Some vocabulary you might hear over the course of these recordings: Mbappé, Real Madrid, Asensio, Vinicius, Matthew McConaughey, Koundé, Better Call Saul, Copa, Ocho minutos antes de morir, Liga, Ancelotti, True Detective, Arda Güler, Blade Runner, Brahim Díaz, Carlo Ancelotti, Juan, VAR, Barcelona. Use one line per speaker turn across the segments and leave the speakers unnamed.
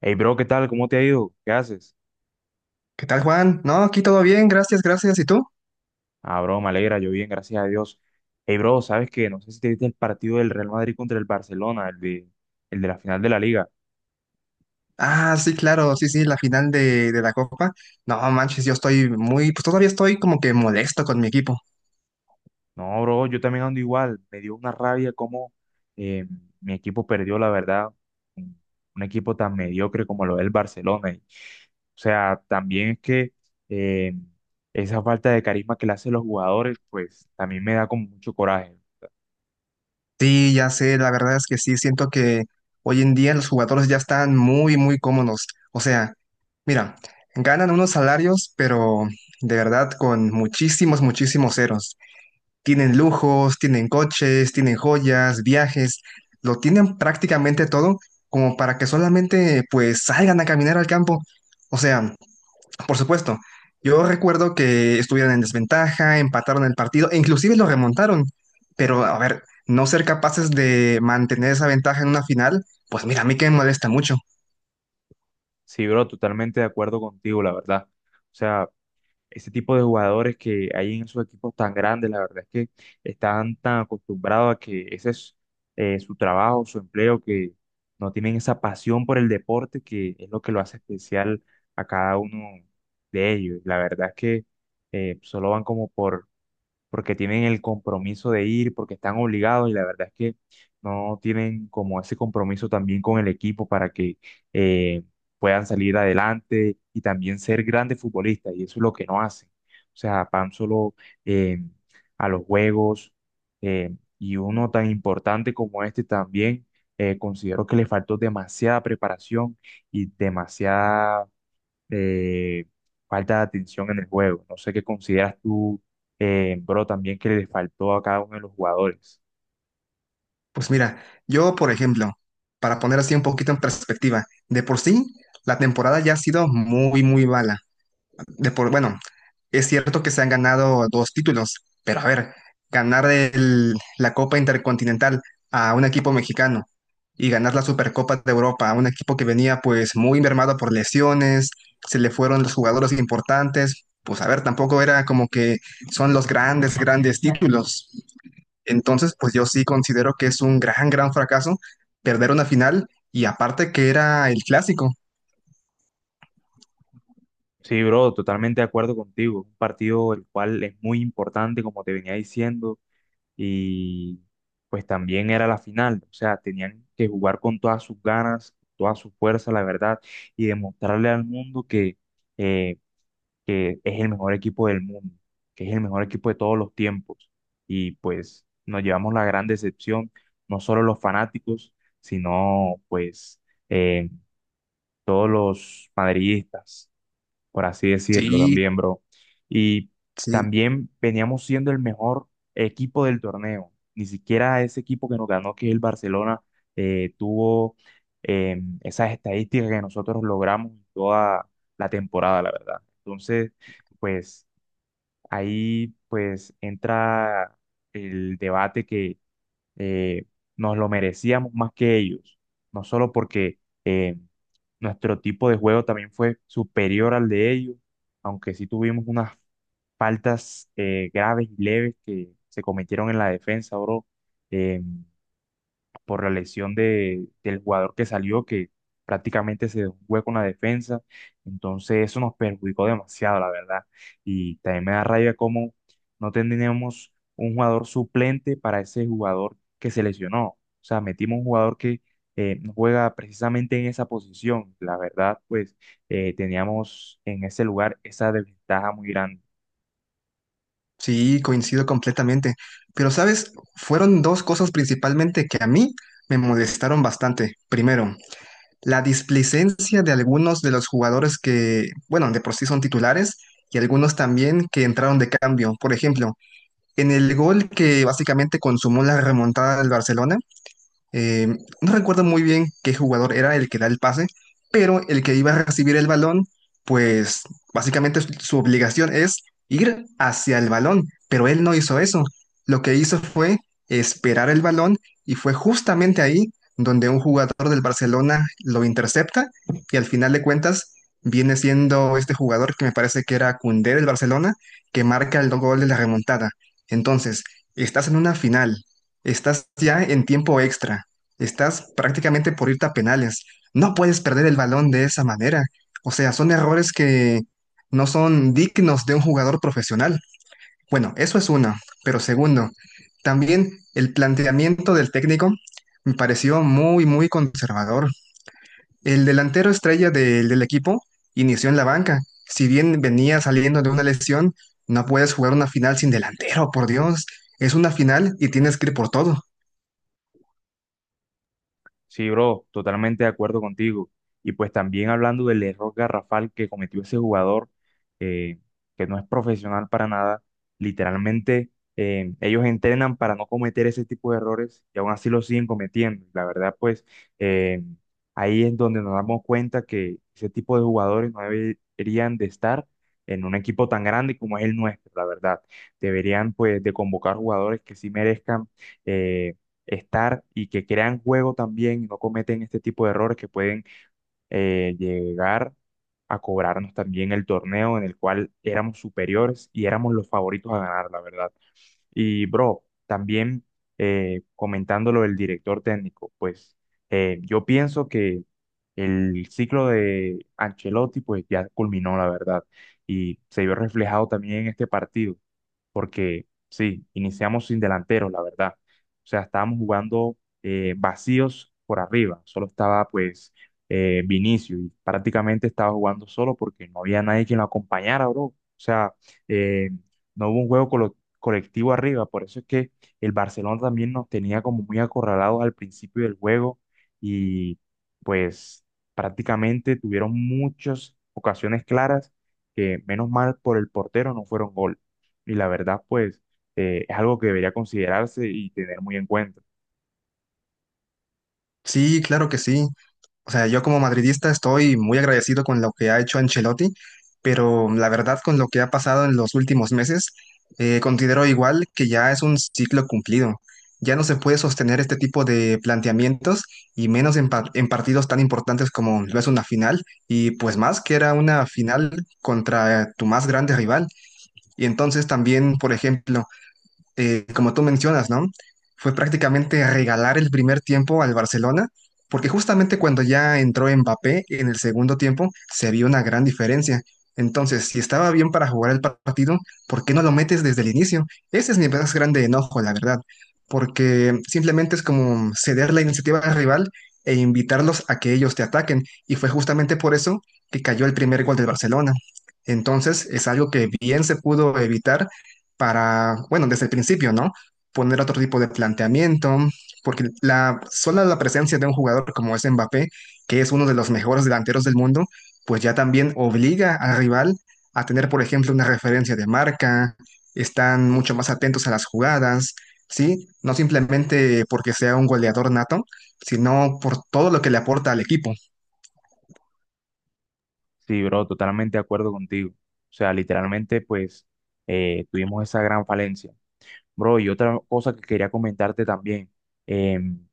Hey, bro, ¿qué tal? ¿Cómo te ha ido? ¿Qué haces?
¿Qué tal, Juan? No, aquí todo bien, gracias, gracias. ¿Y tú?
Ah, bro, me alegra, yo bien, gracias a Dios. Hey, bro, ¿sabes qué? No sé si te viste el partido del Real Madrid contra el Barcelona, el de la final de la Liga.
Ah, sí, claro, sí, sí, la final de la Copa. No, manches, yo estoy muy, pues todavía estoy como que molesto con mi equipo.
No, bro, yo también ando igual. Me dio una rabia cómo eh, mi equipo perdió, la verdad. Un un equipo tan mediocre como lo es el Barcelona. Y, o sea, también es que eh, esa falta de carisma que le hacen los jugadores, pues también me da como mucho coraje.
Sí, ya sé, la verdad es que sí, siento que hoy en día los jugadores ya están muy, muy cómodos. O sea, mira, ganan unos salarios, pero de verdad con muchísimos, muchísimos ceros. Tienen lujos, tienen coches, tienen joyas, viajes, lo tienen prácticamente todo como para que solamente pues salgan a caminar al campo. O sea, por supuesto, yo recuerdo que estuvieron en desventaja, empataron el partido e inclusive lo remontaron, pero a ver, no ser capaces de mantener esa ventaja en una final, pues mira, a mí que me molesta mucho.
Sí, bro, totalmente de acuerdo contigo, la verdad. O sea, ese tipo de jugadores que hay en esos equipos tan grandes, la verdad es que están tan acostumbrados a que ese es su trabajo, su empleo, que no tienen esa pasión por el deporte que es lo que lo hace especial a cada uno de ellos. La verdad es que solo van como porque tienen el compromiso de ir, porque están obligados y la verdad es que no tienen como ese compromiso también con el equipo para que eh, puedan salir adelante y también ser grandes futbolistas y eso es lo que no hacen. O sea, van solo eh, a los juegos eh, y uno tan importante como este también. Considero que le faltó demasiada preparación y demasiada eh, falta de atención en el juego. No sé qué consideras tú, bro, también que le faltó a cada uno de los jugadores.
Pues mira, yo por ejemplo, para poner así un poquito en perspectiva, de por sí la temporada ya ha sido muy, muy mala. De por, bueno, es cierto que se han ganado dos títulos, pero a ver, ganar la Copa Intercontinental a un equipo mexicano y ganar la Supercopa de Europa a un equipo que venía pues muy mermado por lesiones, se le fueron los jugadores importantes, pues a ver, tampoco era como que son los grandes, grandes títulos. Entonces, pues yo sí considero que es un gran, gran fracaso perder una final y aparte que era el clásico.
Sí, bro, totalmente de acuerdo contigo. Un partido el cual es muy importante, como te venía diciendo, y pues también era la final. O sea, tenían que jugar con todas sus ganas, toda su fuerza, la verdad, y demostrarle al mundo eh, que es el mejor equipo del mundo, que es el mejor equipo de todos los tiempos. Y pues nos llevamos la gran decepción, no solo los fanáticos, sino pues eh, todos los madridistas por así decirlo
Sí,
también, bro. Y
sí.
también veníamos siendo el mejor equipo del torneo. Ni siquiera ese equipo que nos ganó, que es el Barcelona, tuvo esas estadísticas que nosotros logramos toda la temporada, la verdad. Entonces, pues ahí pues entra el debate, eh, nos lo merecíamos más que ellos, no solo porque eh, nuestro tipo de juego también fue superior al de ellos, aunque sí tuvimos unas faltas graves y leves que se cometieron en la defensa, bro. eh, por la lesión del jugador que salió, que prácticamente se dejó un hueco en la defensa. Entonces eso nos perjudicó demasiado, la verdad. Y también me da rabia cómo no tenemos un jugador suplente para ese jugador que se lesionó. O sea, metimos un jugador que no juega precisamente en esa posición. La verdad, pues teníamos en ese lugar esa desventaja muy grande.
Sí, coincido completamente. Pero, ¿sabes? Fueron dos cosas principalmente que a mí me molestaron bastante. Primero, la displicencia de algunos de los jugadores que, bueno, de por sí son titulares y algunos también que entraron de cambio. Por ejemplo, en el gol que básicamente consumó la remontada del Barcelona, eh, no recuerdo muy bien qué jugador era el que da el pase, pero el que iba a recibir el balón, pues básicamente su obligación es ir hacia el balón, pero él no hizo eso. Lo que hizo fue esperar el balón y fue justamente ahí donde un jugador del Barcelona lo intercepta y al final de cuentas viene siendo este jugador que me parece que era Koundé del Barcelona, que marca el gol de la remontada. Entonces, estás en una final, estás ya en tiempo extra. Estás prácticamente por irte a penales. No puedes perder el balón de esa manera. O sea, son errores que no son dignos de un jugador profesional. Bueno, eso es uno. Pero segundo, también el planteamiento del técnico me pareció muy, muy conservador. El delantero estrella del equipo inició en la banca. Si bien venía saliendo de una lesión, no puedes jugar una final sin delantero, por Dios. Es una final y tienes que ir por todo.
Sí, bro, totalmente de acuerdo contigo. Y pues también hablando del error garrafal que cometió ese jugador, eh, que no es profesional para nada, literalmente ellos entrenan para no cometer ese tipo de errores y aún así lo siguen cometiendo. La verdad, pues eh, ahí es donde nos damos cuenta que ese tipo de jugadores no deberían de estar en un equipo tan grande como es el nuestro, la verdad. Deberían pues de convocar jugadores que sí merezcan. eh, Estar y que crean juego también y no cometen este tipo de errores que pueden llegar a cobrarnos también el torneo en el cual éramos superiores y éramos los favoritos a ganar, la verdad. Y bro, también comentando lo del director técnico, pues yo pienso que el ciclo de Ancelotti pues ya culminó, la verdad, y se vio reflejado también en este partido porque sí, iniciamos sin delanteros, la verdad. O sea, estábamos jugando vacíos por arriba, solo estaba pues Vinicius y prácticamente estaba jugando solo porque no había nadie quien lo acompañara, bro. O sea, eh, no hubo un colectivo arriba, por eso es que el Barcelona también nos tenía como muy acorralados al principio del juego y pues prácticamente tuvieron muchas ocasiones claras que menos mal por el portero no fueron gol. Y la verdad, pues, es algo que debería considerarse y tener muy en cuenta.
Sí, claro que sí. O sea, yo como madridista estoy muy agradecido con lo que ha hecho Ancelotti, pero la verdad con lo que ha pasado en los últimos meses, considero igual que ya es un ciclo cumplido. Ya no se puede sostener este tipo de planteamientos y menos en, en partidos tan importantes como lo es una final y pues más que era una final contra tu más grande rival. Y entonces también, por ejemplo, como tú mencionas, ¿no? Fue prácticamente regalar el primer tiempo al Barcelona, porque justamente cuando ya entró Mbappé en el segundo tiempo se vio una gran diferencia. Entonces, si estaba bien para jugar el partido, ¿por qué no lo metes desde el inicio? Ese es mi más grande enojo, la verdad, porque simplemente es como ceder la iniciativa al rival e invitarlos a que ellos te ataquen, y fue justamente por eso que cayó el primer gol del Barcelona. Entonces, es algo que bien se pudo evitar para, bueno, desde el principio, ¿no? Poner otro tipo de planteamiento, porque la sola la presencia de un jugador como es Mbappé, que es uno de los mejores delanteros del mundo, pues ya también obliga al rival a tener, por ejemplo, una referencia de marca, están mucho más atentos a las jugadas, ¿sí? No simplemente porque sea un goleador nato, sino por todo lo que le aporta al equipo.
Sí, bro, totalmente de acuerdo contigo. O sea, literalmente, pues, tuvimos esa gran falencia. Bro, y otra cosa que quería comentarte también. em,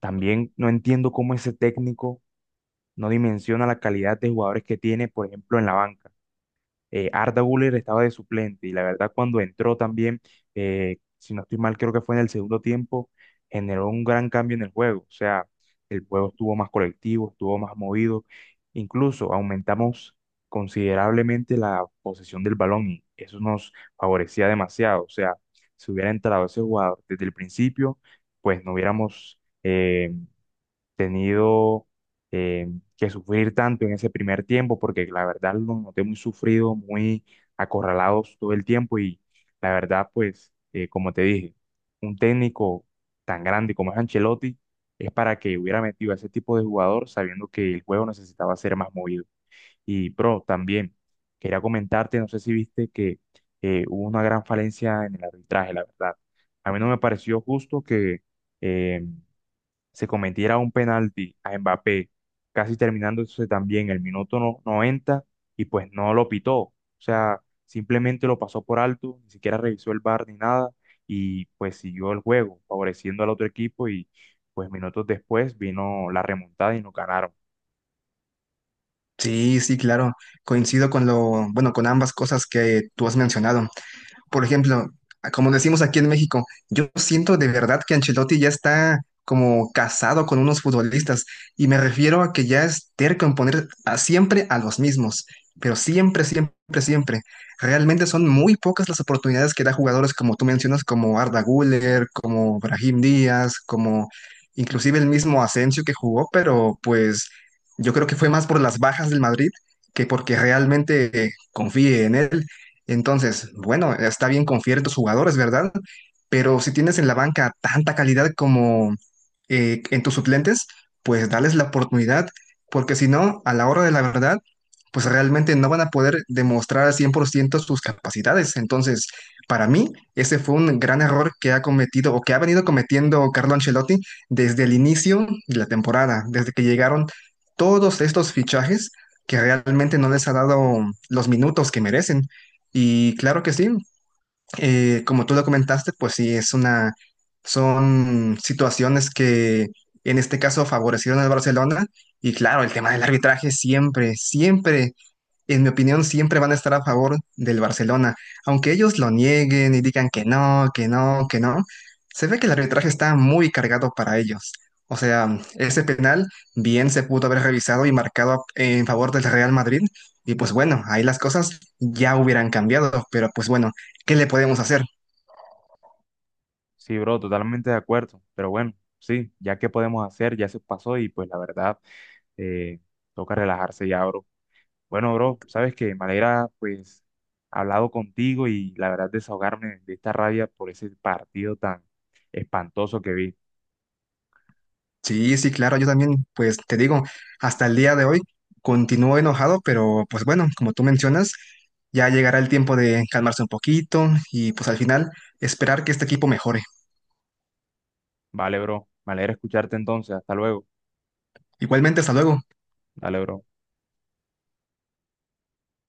También no entiendo cómo ese técnico no dimensiona la calidad de jugadores que tiene, por ejemplo, en la banca. Arda Güler estaba de suplente y la verdad cuando entró también, si no estoy mal, creo que fue en el segundo tiempo, generó un gran cambio en el juego. O sea, el juego estuvo más colectivo, estuvo más movido. Incluso aumentamos considerablemente la posesión del balón y eso nos favorecía demasiado. O sea, si hubiera entrado ese jugador desde el principio, pues no hubiéramos... tenido eh, que sufrir tanto en ese primer tiempo, porque la verdad lo noté muy sufrido, muy acorralados todo el tiempo y la verdad, pues, como te dije, un técnico tan grande como es Ancelotti es para que hubiera metido a ese tipo de jugador sabiendo que el juego necesitaba ser más movido. Y, pro también quería comentarte, no sé si viste que hubo una gran falencia en el arbitraje, la verdad. A mí no me pareció justo que... em, se cometiera un penalti a Mbappé, casi terminándose también el minuto no- 90 y pues no lo pitó. O sea, simplemente lo pasó por alto, ni siquiera revisó el VAR ni nada, y pues siguió el juego, favoreciendo al otro equipo, y pues minutos después vino la remontada y nos ganaron.
Sí, sí, claro, coincido con lo, bueno, con ambas cosas que tú has mencionado. Por ejemplo, como decimos aquí en México, yo siento de verdad que Ancelotti ya está como casado con unos futbolistas y me refiero a que ya es terco en poner siempre a los mismos, pero siempre, siempre, siempre. Realmente son muy pocas las oportunidades que da jugadores como tú mencionas, como Arda Güler, como Brahim Díaz, como inclusive el mismo Asensio que jugó, pero pues yo creo que fue más por las bajas del Madrid que porque realmente confíe en él. Entonces, bueno, está bien confiar en tus jugadores, ¿verdad? Pero si tienes en la banca tanta calidad como en tus suplentes, pues dales la oportunidad, porque si no, a la hora de la verdad, pues realmente no van a poder demostrar al 100% sus capacidades. Entonces, para mí, ese fue un gran error que ha cometido o que ha venido cometiendo Carlo Ancelotti desde el inicio de la temporada, desde que llegaron todos estos fichajes que realmente no les ha dado los minutos que merecen. Y claro que sí, como tú lo comentaste, pues sí, es una, son situaciones que en este caso favorecieron al Barcelona. Y claro, el tema del arbitraje siempre, siempre en mi opinión, siempre van a estar a favor del Barcelona. Aunque ellos lo nieguen y digan que no, que no, que no, se ve que el arbitraje está muy cargado para ellos. O sea, ese penal bien se pudo haber revisado y marcado en favor del Real Madrid. Y pues bueno, ahí las cosas ya hubieran cambiado, pero pues bueno, ¿qué le podemos hacer?
Sí, bro, totalmente de acuerdo, pero bueno, sí, ya qué podemos hacer, ya se pasó, y pues la verdad, eh, toca relajarse ya, bro. Bueno, bro, sabes que me alegra pues hablado contigo y la verdad desahogarme de esta rabia por ese partido tan espantoso que vi.
Sí, sí, claro, yo también, pues te digo, hasta el día de hoy continúo enojado, pero pues bueno, como tú mencionas, ya llegará el tiempo de calmarse un poquito y pues al final esperar que este equipo mejore.
Vale, bro, me alegra escucharte entonces. Hasta luego.
Igualmente, hasta luego.
Dale, bro.